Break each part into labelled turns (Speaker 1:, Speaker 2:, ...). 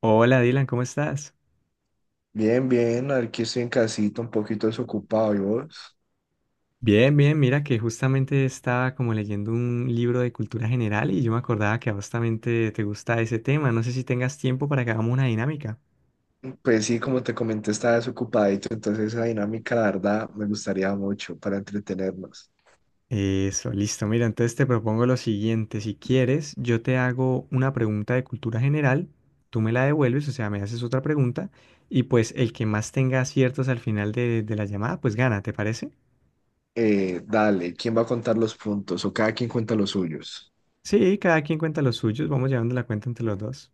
Speaker 1: Hola Dylan, ¿cómo estás?
Speaker 2: Bien, bien, aquí estoy en casita, un poquito desocupado, ¿y vos?
Speaker 1: Bien, bien, mira que justamente estaba como leyendo un libro de cultura general y yo me acordaba que a vos también te gusta ese tema. No sé si tengas tiempo para que hagamos una dinámica.
Speaker 2: Pues sí, como te comenté, estaba desocupadito, entonces esa dinámica, la verdad, me gustaría mucho para entretenernos.
Speaker 1: Eso, listo. Mira, entonces te propongo lo siguiente. Si quieres, yo te hago una pregunta de cultura general, tú me la devuelves, o sea, me haces otra pregunta y pues el que más tenga aciertos al final de la llamada, pues gana, ¿te parece?
Speaker 2: Dale, ¿quién va a contar los puntos? O cada quien cuenta los suyos.
Speaker 1: Sí, cada quien cuenta los suyos, vamos llevando la cuenta entre los dos.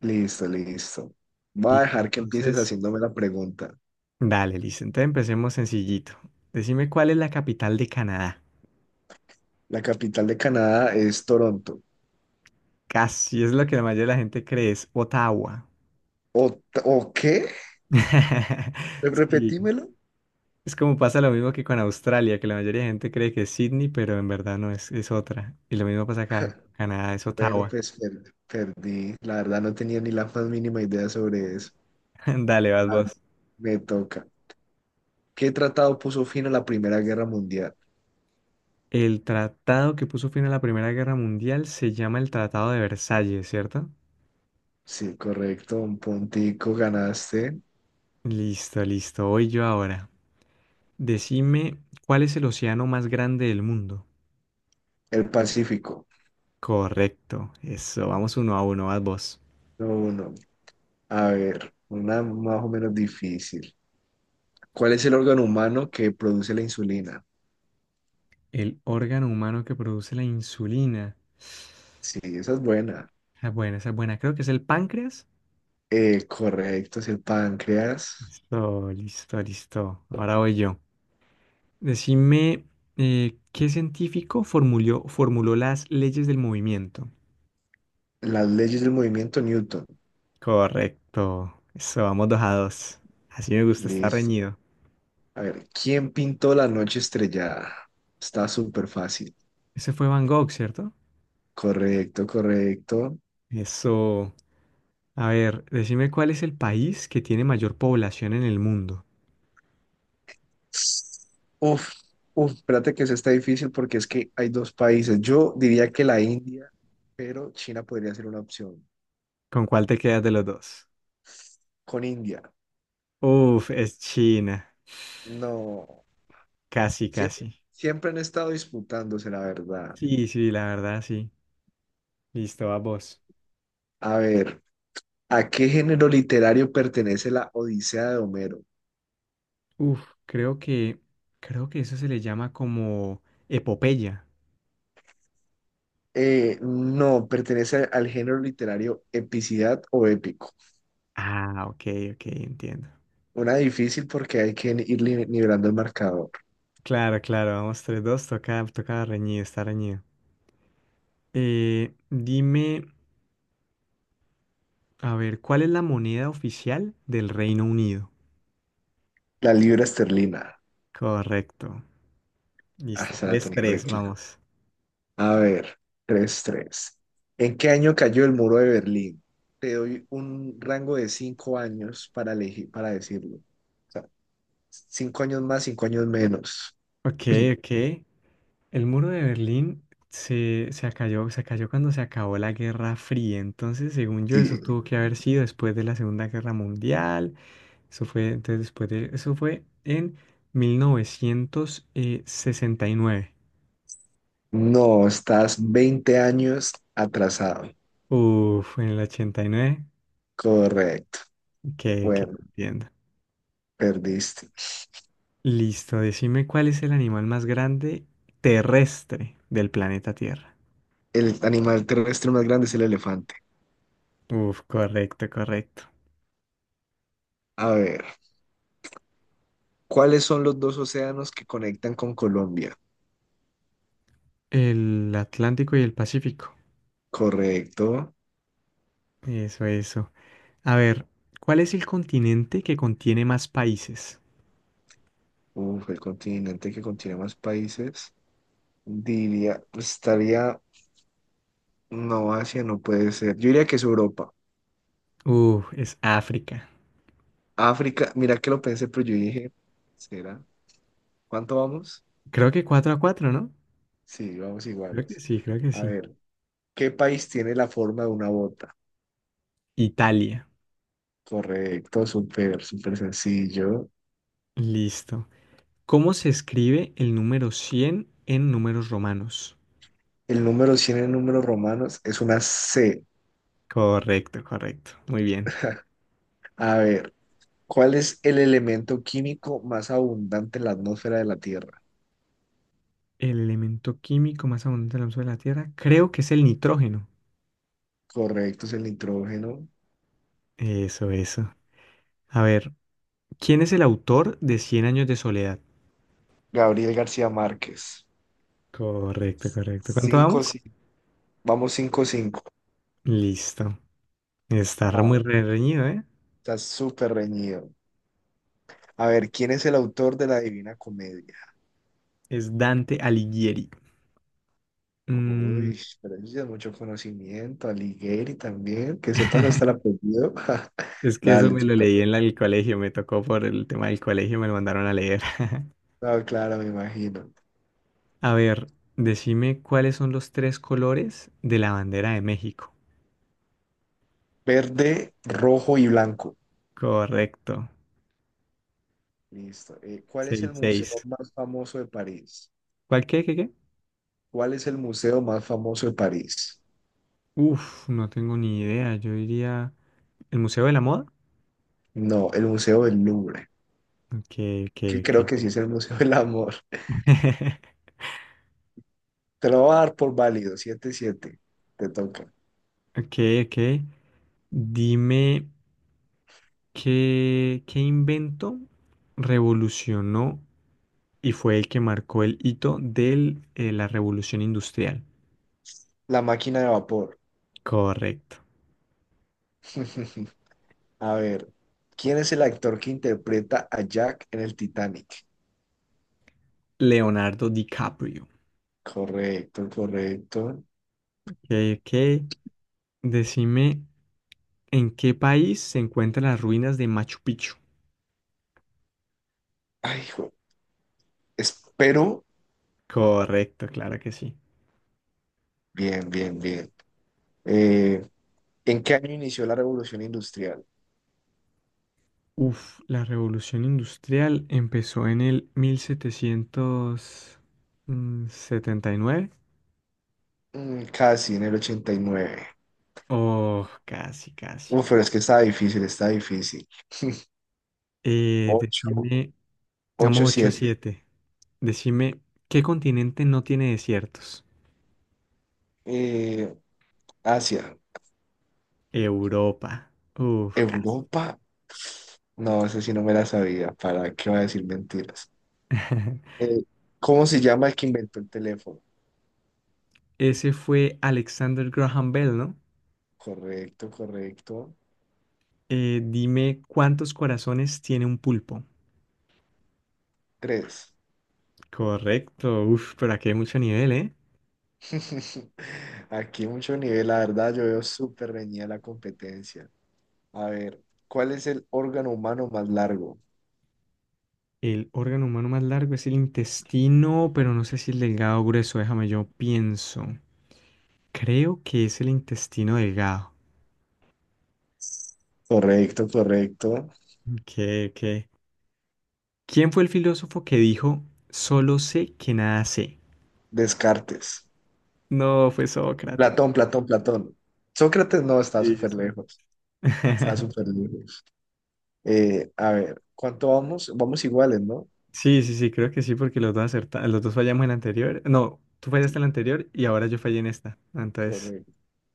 Speaker 2: Listo, listo. Voy a
Speaker 1: Listo,
Speaker 2: dejar que empieces
Speaker 1: entonces...
Speaker 2: haciéndome la pregunta.
Speaker 1: Dale, listo. Entonces empecemos sencillito. Decime cuál es la capital de Canadá.
Speaker 2: ¿La capital de Canadá es Toronto?
Speaker 1: Casi es lo que la mayoría de la gente cree, es Ottawa.
Speaker 2: ¿O, o qué?
Speaker 1: Sí,
Speaker 2: Repetímelo.
Speaker 1: es como pasa lo mismo que con Australia, que la mayoría de gente cree que es Sydney, pero en verdad no es, es otra. Y lo mismo pasa acá, Canadá es
Speaker 2: Bueno,
Speaker 1: Ottawa.
Speaker 2: pues perdí. La verdad, no tenía ni la más mínima idea sobre eso.
Speaker 1: Dale, vas
Speaker 2: A ver,
Speaker 1: vos.
Speaker 2: me toca. ¿Qué tratado puso fin a la Primera Guerra Mundial?
Speaker 1: El tratado que puso fin a la Primera Guerra Mundial se llama el Tratado de Versalles, ¿cierto?
Speaker 2: Sí, correcto, un puntico ganaste.
Speaker 1: Listo, listo. Voy yo ahora. Decime cuál es el océano más grande del mundo.
Speaker 2: El Pacífico.
Speaker 1: Correcto, eso, vamos 1-1, a vos.
Speaker 2: No, uno. A ver, una más o menos difícil. ¿Cuál es el órgano humano que produce la insulina?
Speaker 1: El órgano humano que produce la insulina.
Speaker 2: Sí, esa es buena.
Speaker 1: Esa es buena, creo que es el páncreas.
Speaker 2: Correcto, es el páncreas.
Speaker 1: Listo, listo, listo. Ahora voy yo. Decime, ¿qué científico formuló las leyes del movimiento?
Speaker 2: Las leyes del movimiento Newton.
Speaker 1: Correcto, eso, vamos 2-2. Así me gusta, estar
Speaker 2: Listo.
Speaker 1: reñido.
Speaker 2: A ver, ¿quién pintó la noche estrellada? Está súper fácil.
Speaker 1: Ese fue Van Gogh, ¿cierto?
Speaker 2: Correcto, correcto.
Speaker 1: Eso. A ver, decime cuál es el país que tiene mayor población en el mundo.
Speaker 2: Uf, uf, espérate que eso está difícil porque es que hay dos países. Yo diría que la India, pero China podría ser una opción.
Speaker 1: ¿Con cuál te quedas de los dos?
Speaker 2: Con India,
Speaker 1: Uf, es China.
Speaker 2: no.
Speaker 1: Casi,
Speaker 2: Siempre,
Speaker 1: casi.
Speaker 2: siempre han estado disputándose, la verdad.
Speaker 1: Sí, sí, la verdad, sí. Listo, a vos.
Speaker 2: A ver, ¿a qué género literario pertenece la Odisea de Homero?
Speaker 1: Uf, creo que, creo que eso se le llama como epopeya.
Speaker 2: No, pertenece al género literario epicidad o épico.
Speaker 1: Ah, ok, ok, entiendo.
Speaker 2: Una difícil porque hay que ir nivelando el marcador.
Speaker 1: Claro, claro, vamos 3-2, toca, toca reñido, está reñido. Dime, a ver, ¿cuál es la moneda oficial del Reino Unido?
Speaker 2: La libra esterlina.
Speaker 1: Correcto.
Speaker 2: Ah,
Speaker 1: Listo,
Speaker 2: se la
Speaker 1: tres
Speaker 2: tenía re
Speaker 1: tres, vamos.
Speaker 2: A ver, tres tres. ¿En qué año cayó el muro de Berlín? Te doy un rango de 5 años para elegir, para decirlo. O sea, 5 años más, cinco años menos.
Speaker 1: Ok, ok. El muro de Berlín se cayó cuando se acabó la Guerra Fría. Entonces, según yo,
Speaker 2: Sí.
Speaker 1: eso tuvo que haber sido después de la Segunda Guerra Mundial. Eso fue, entonces, después de, eso fue en 1969.
Speaker 2: No, estás 20 años atrasado.
Speaker 1: Uf, en el 89.
Speaker 2: Correcto.
Speaker 1: Que
Speaker 2: Bueno,
Speaker 1: entiendo.
Speaker 2: perdiste.
Speaker 1: Listo, decime cuál es el animal más grande terrestre del planeta Tierra.
Speaker 2: El animal terrestre más grande es el elefante.
Speaker 1: Uf, correcto, correcto.
Speaker 2: A ver, ¿cuáles son los dos océanos que conectan con Colombia?
Speaker 1: El Atlántico y el Pacífico.
Speaker 2: Correcto.
Speaker 1: Eso, eso. A ver, ¿cuál es el continente que contiene más países?
Speaker 2: Uf, el continente que contiene más países. Diría, pues, estaría, no, Asia no puede ser. Yo diría que es Europa.
Speaker 1: Es África.
Speaker 2: África, mira que lo pensé, pero yo dije, ¿será? ¿Cuánto vamos?
Speaker 1: Creo que 4-4, ¿no?
Speaker 2: Sí, vamos
Speaker 1: Creo que
Speaker 2: iguales.
Speaker 1: sí, creo que
Speaker 2: A
Speaker 1: sí.
Speaker 2: ver, ¿qué país tiene la forma de una bota?
Speaker 1: Italia.
Speaker 2: Correcto, súper, súper sencillo.
Speaker 1: Listo. ¿Cómo se escribe el número 100 en números romanos?
Speaker 2: El número 100 en números romanos es una C.
Speaker 1: Correcto, correcto. Muy bien.
Speaker 2: A ver, ¿cuál es el elemento químico más abundante en la atmósfera de la Tierra?
Speaker 1: El elemento químico más abundante en la de la Tierra, creo que es el nitrógeno.
Speaker 2: Correcto, es el nitrógeno.
Speaker 1: Eso, eso. A ver, ¿quién es el autor de Cien años de soledad?
Speaker 2: Gabriel García Márquez.
Speaker 1: Correcto, correcto. ¿Cuánto
Speaker 2: Cinco
Speaker 1: vamos?
Speaker 2: sí. Vamos cinco cinco.
Speaker 1: Listo. Está
Speaker 2: Ah,
Speaker 1: muy reñido, ¿eh?
Speaker 2: está súper reñido. A ver, ¿quién es el autor de la Divina Comedia?
Speaker 1: Es Dante Alighieri. Mm,
Speaker 2: Uy, pero eso ya es mucho conocimiento. Alighieri también, que sepas hasta el apellido.
Speaker 1: es que eso
Speaker 2: Dale,
Speaker 1: me
Speaker 2: tú
Speaker 1: lo
Speaker 2: ta-
Speaker 1: leí en el colegio, me tocó por el tema del colegio, me lo mandaron a leer.
Speaker 2: No, claro, me imagino.
Speaker 1: A ver, decime cuáles son los tres colores de la bandera de México.
Speaker 2: Verde, rojo y blanco.
Speaker 1: Correcto.
Speaker 2: Listo. ¿Cuál es
Speaker 1: seis
Speaker 2: el museo
Speaker 1: seis
Speaker 2: más famoso de París?
Speaker 1: ¿Cuál qué, qué, qué?
Speaker 2: ¿Cuál es el museo más famoso de París?
Speaker 1: Uf, no tengo ni idea. Yo diría... ¿El Museo de la Moda?
Speaker 2: No, el Museo del Louvre,
Speaker 1: Ok, ok,
Speaker 2: que
Speaker 1: ok.
Speaker 2: creo que sí es el Museo del Amor. Te lo voy a dar por válido, siete siete. Te toca.
Speaker 1: Ok, ok. Dime... ¿Qué invento revolucionó y fue el que marcó el hito de la revolución industrial?
Speaker 2: La máquina de vapor.
Speaker 1: Correcto.
Speaker 2: A ver, ¿quién es el actor que interpreta a Jack en el Titanic?
Speaker 1: Leonardo DiCaprio.
Speaker 2: Correcto, correcto.
Speaker 1: Ok, ok. Decime, ¿en qué país se encuentran las ruinas de Machu Picchu?
Speaker 2: Ay, hijo, espero.
Speaker 1: Correcto, claro que sí.
Speaker 2: Bien, bien, bien. Eh, ¿En qué año inició la revolución industrial?
Speaker 1: Uf, la revolución industrial empezó en el 1779.
Speaker 2: Casi en el ochenta y nueve.
Speaker 1: Oh, casi, casi.
Speaker 2: Uf, pero es que está difícil, está difícil. Ocho
Speaker 1: Decime,
Speaker 2: 8
Speaker 1: vamos ocho
Speaker 2: siete.
Speaker 1: siete. Decime, ¿qué continente no tiene desiertos?
Speaker 2: Eh, Asia,
Speaker 1: Europa. Uf, casi.
Speaker 2: Europa. No, eso sí no me la sabía. ¿Para qué va a decir mentiras? Eh, ¿Cómo se llama el que inventó el teléfono?
Speaker 1: Ese fue Alexander Graham Bell, ¿no?
Speaker 2: Correcto, correcto.
Speaker 1: Dime, ¿cuántos corazones tiene un pulpo?
Speaker 2: Tres.
Speaker 1: Correcto. Uf, pero aquí hay mucho nivel, ¿eh?
Speaker 2: Aquí mucho nivel, la verdad, yo veo súper reñida la competencia. A ver, ¿cuál es el órgano humano más largo?
Speaker 1: El órgano humano más largo es el intestino, pero no sé si el delgado o grueso. Déjame, yo pienso. Creo que es el intestino delgado.
Speaker 2: Correcto, correcto.
Speaker 1: Ok, ok. ¿Quién fue el filósofo que dijo, solo sé que nada sé?
Speaker 2: Descartes.
Speaker 1: No, fue Sócrates.
Speaker 2: Platón, Platón, Platón. Sócrates no, está
Speaker 1: Sí,
Speaker 2: súper
Speaker 1: sí.
Speaker 2: lejos. Está súper lejos. A ver, ¿cuánto vamos? Vamos iguales, ¿no?
Speaker 1: Sí, sí, sí, creo que sí, porque los dos fallamos en la anterior. No, tú fallaste en la anterior y ahora yo fallé en esta. Entonces,
Speaker 2: Correcto.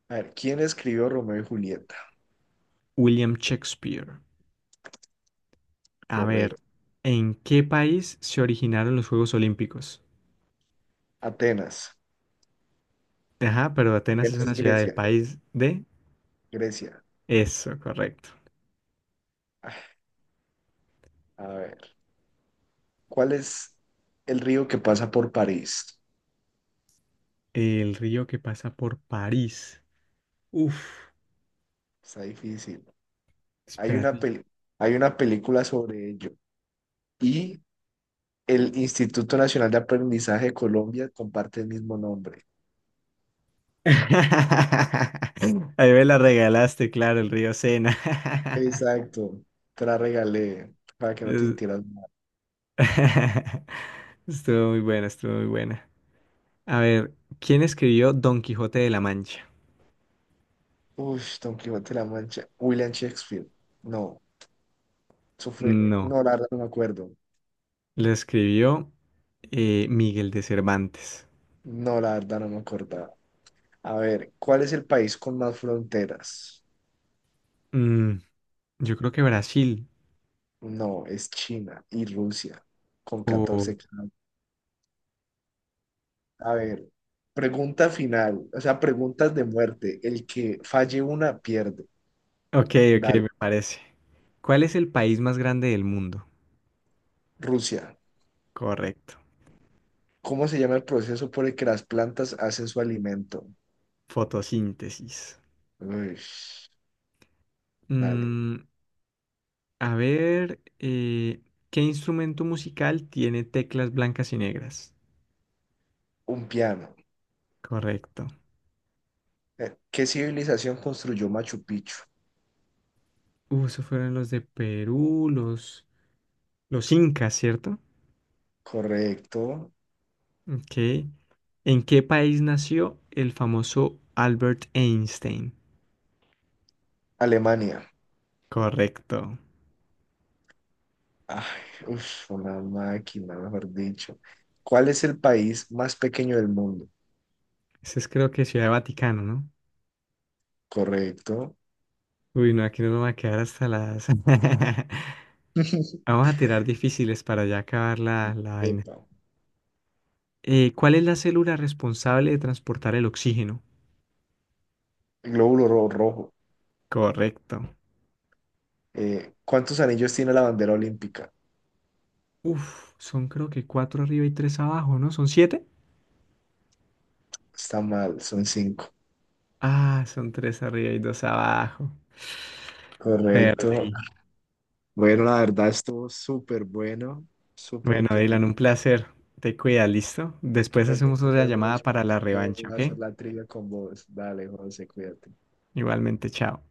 Speaker 2: A ver, ¿quién escribió Romeo y Julieta?
Speaker 1: William Shakespeare. A ver,
Speaker 2: Correcto.
Speaker 1: ¿en qué país se originaron los Juegos Olímpicos?
Speaker 2: Atenas.
Speaker 1: Ajá, pero Atenas es
Speaker 2: Atenas es
Speaker 1: una ciudad del
Speaker 2: Grecia.
Speaker 1: país de...
Speaker 2: Grecia.
Speaker 1: Eso, correcto.
Speaker 2: Ah, A ver. ¿Cuál es el río que pasa por París?
Speaker 1: El río que pasa por París. Uf,
Speaker 2: Está difícil. Hay una
Speaker 1: espérate.
Speaker 2: peli- hay una película sobre ello. Y el Instituto Nacional de Aprendizaje de Colombia comparte el mismo nombre.
Speaker 1: Ahí me la regalaste, claro, el río Sena.
Speaker 2: Exacto. Te la regalé para que no te
Speaker 1: Es-
Speaker 2: sintieras mal.
Speaker 1: Estuvo muy buena, estuvo muy buena. A ver, ¿quién escribió Don Quijote de la Mancha?
Speaker 2: Uy, Don Quijote de la Mancha. William Shakespeare. No, eso fue.
Speaker 1: No,
Speaker 2: No, la verdad no me acuerdo.
Speaker 1: lo escribió Miguel de Cervantes.
Speaker 2: No, la verdad no me acordaba. A ver, ¿cuál es el país con más fronteras?
Speaker 1: Mm, yo creo que Brasil.
Speaker 2: No, es China y Rusia, con
Speaker 1: O-
Speaker 2: 14. A ver, pregunta final, o sea, preguntas de muerte. El que falle una pierde.
Speaker 1: Ok, ok, me
Speaker 2: Dale.
Speaker 1: parece. ¿Cuál es el país más grande del mundo?
Speaker 2: Rusia,
Speaker 1: Correcto.
Speaker 2: ¿cómo se llama el proceso por el que las plantas hacen su alimento?
Speaker 1: Fotosíntesis.
Speaker 2: Uy, dale.
Speaker 1: Mm, a ver, ¿qué instrumento musical tiene teclas blancas y negras?
Speaker 2: Un piano.
Speaker 1: Correcto.
Speaker 2: ¿Qué civilización construyó Machu Picchu?
Speaker 1: Esos fueron los de Perú, los incas, ¿cierto?
Speaker 2: Correcto.
Speaker 1: Ok. ¿En qué país nació el famoso Albert Einstein?
Speaker 2: Alemania.
Speaker 1: Correcto.
Speaker 2: Ay, uf, una máquina, mejor dicho. ¿Cuál es el país más pequeño del mundo?
Speaker 1: Ese es creo que Ciudad Vaticano, ¿no?
Speaker 2: Correcto.
Speaker 1: Uy, no, aquí no nos va a quedar hasta las... Vamos a tirar difíciles para ya acabar la vaina.
Speaker 2: Epa,
Speaker 1: ¿Cuál es la célula responsable de transportar el oxígeno?
Speaker 2: glóbulo rojo.
Speaker 1: Correcto.
Speaker 2: ¿Cuántos anillos tiene la bandera olímpica?
Speaker 1: Uf, son creo que cuatro arriba y tres abajo, ¿no? ¿Son siete?
Speaker 2: Está mal, son cinco.
Speaker 1: Ah, son tres arriba y dos abajo.
Speaker 2: Correcto.
Speaker 1: Perdí.
Speaker 2: Bueno, la verdad estuvo súper bueno, súper
Speaker 1: Bueno, Dylan,
Speaker 2: entretenido.
Speaker 1: un placer. Te cuidas, ¿listo? Después
Speaker 2: Me
Speaker 1: hacemos otra
Speaker 2: entretuve
Speaker 1: llamada
Speaker 2: mucho, me
Speaker 1: para la revancha,
Speaker 2: encantó hacer
Speaker 1: ¿ok?
Speaker 2: la trivia con vos. Dale, José, cuídate.
Speaker 1: Igualmente, chao.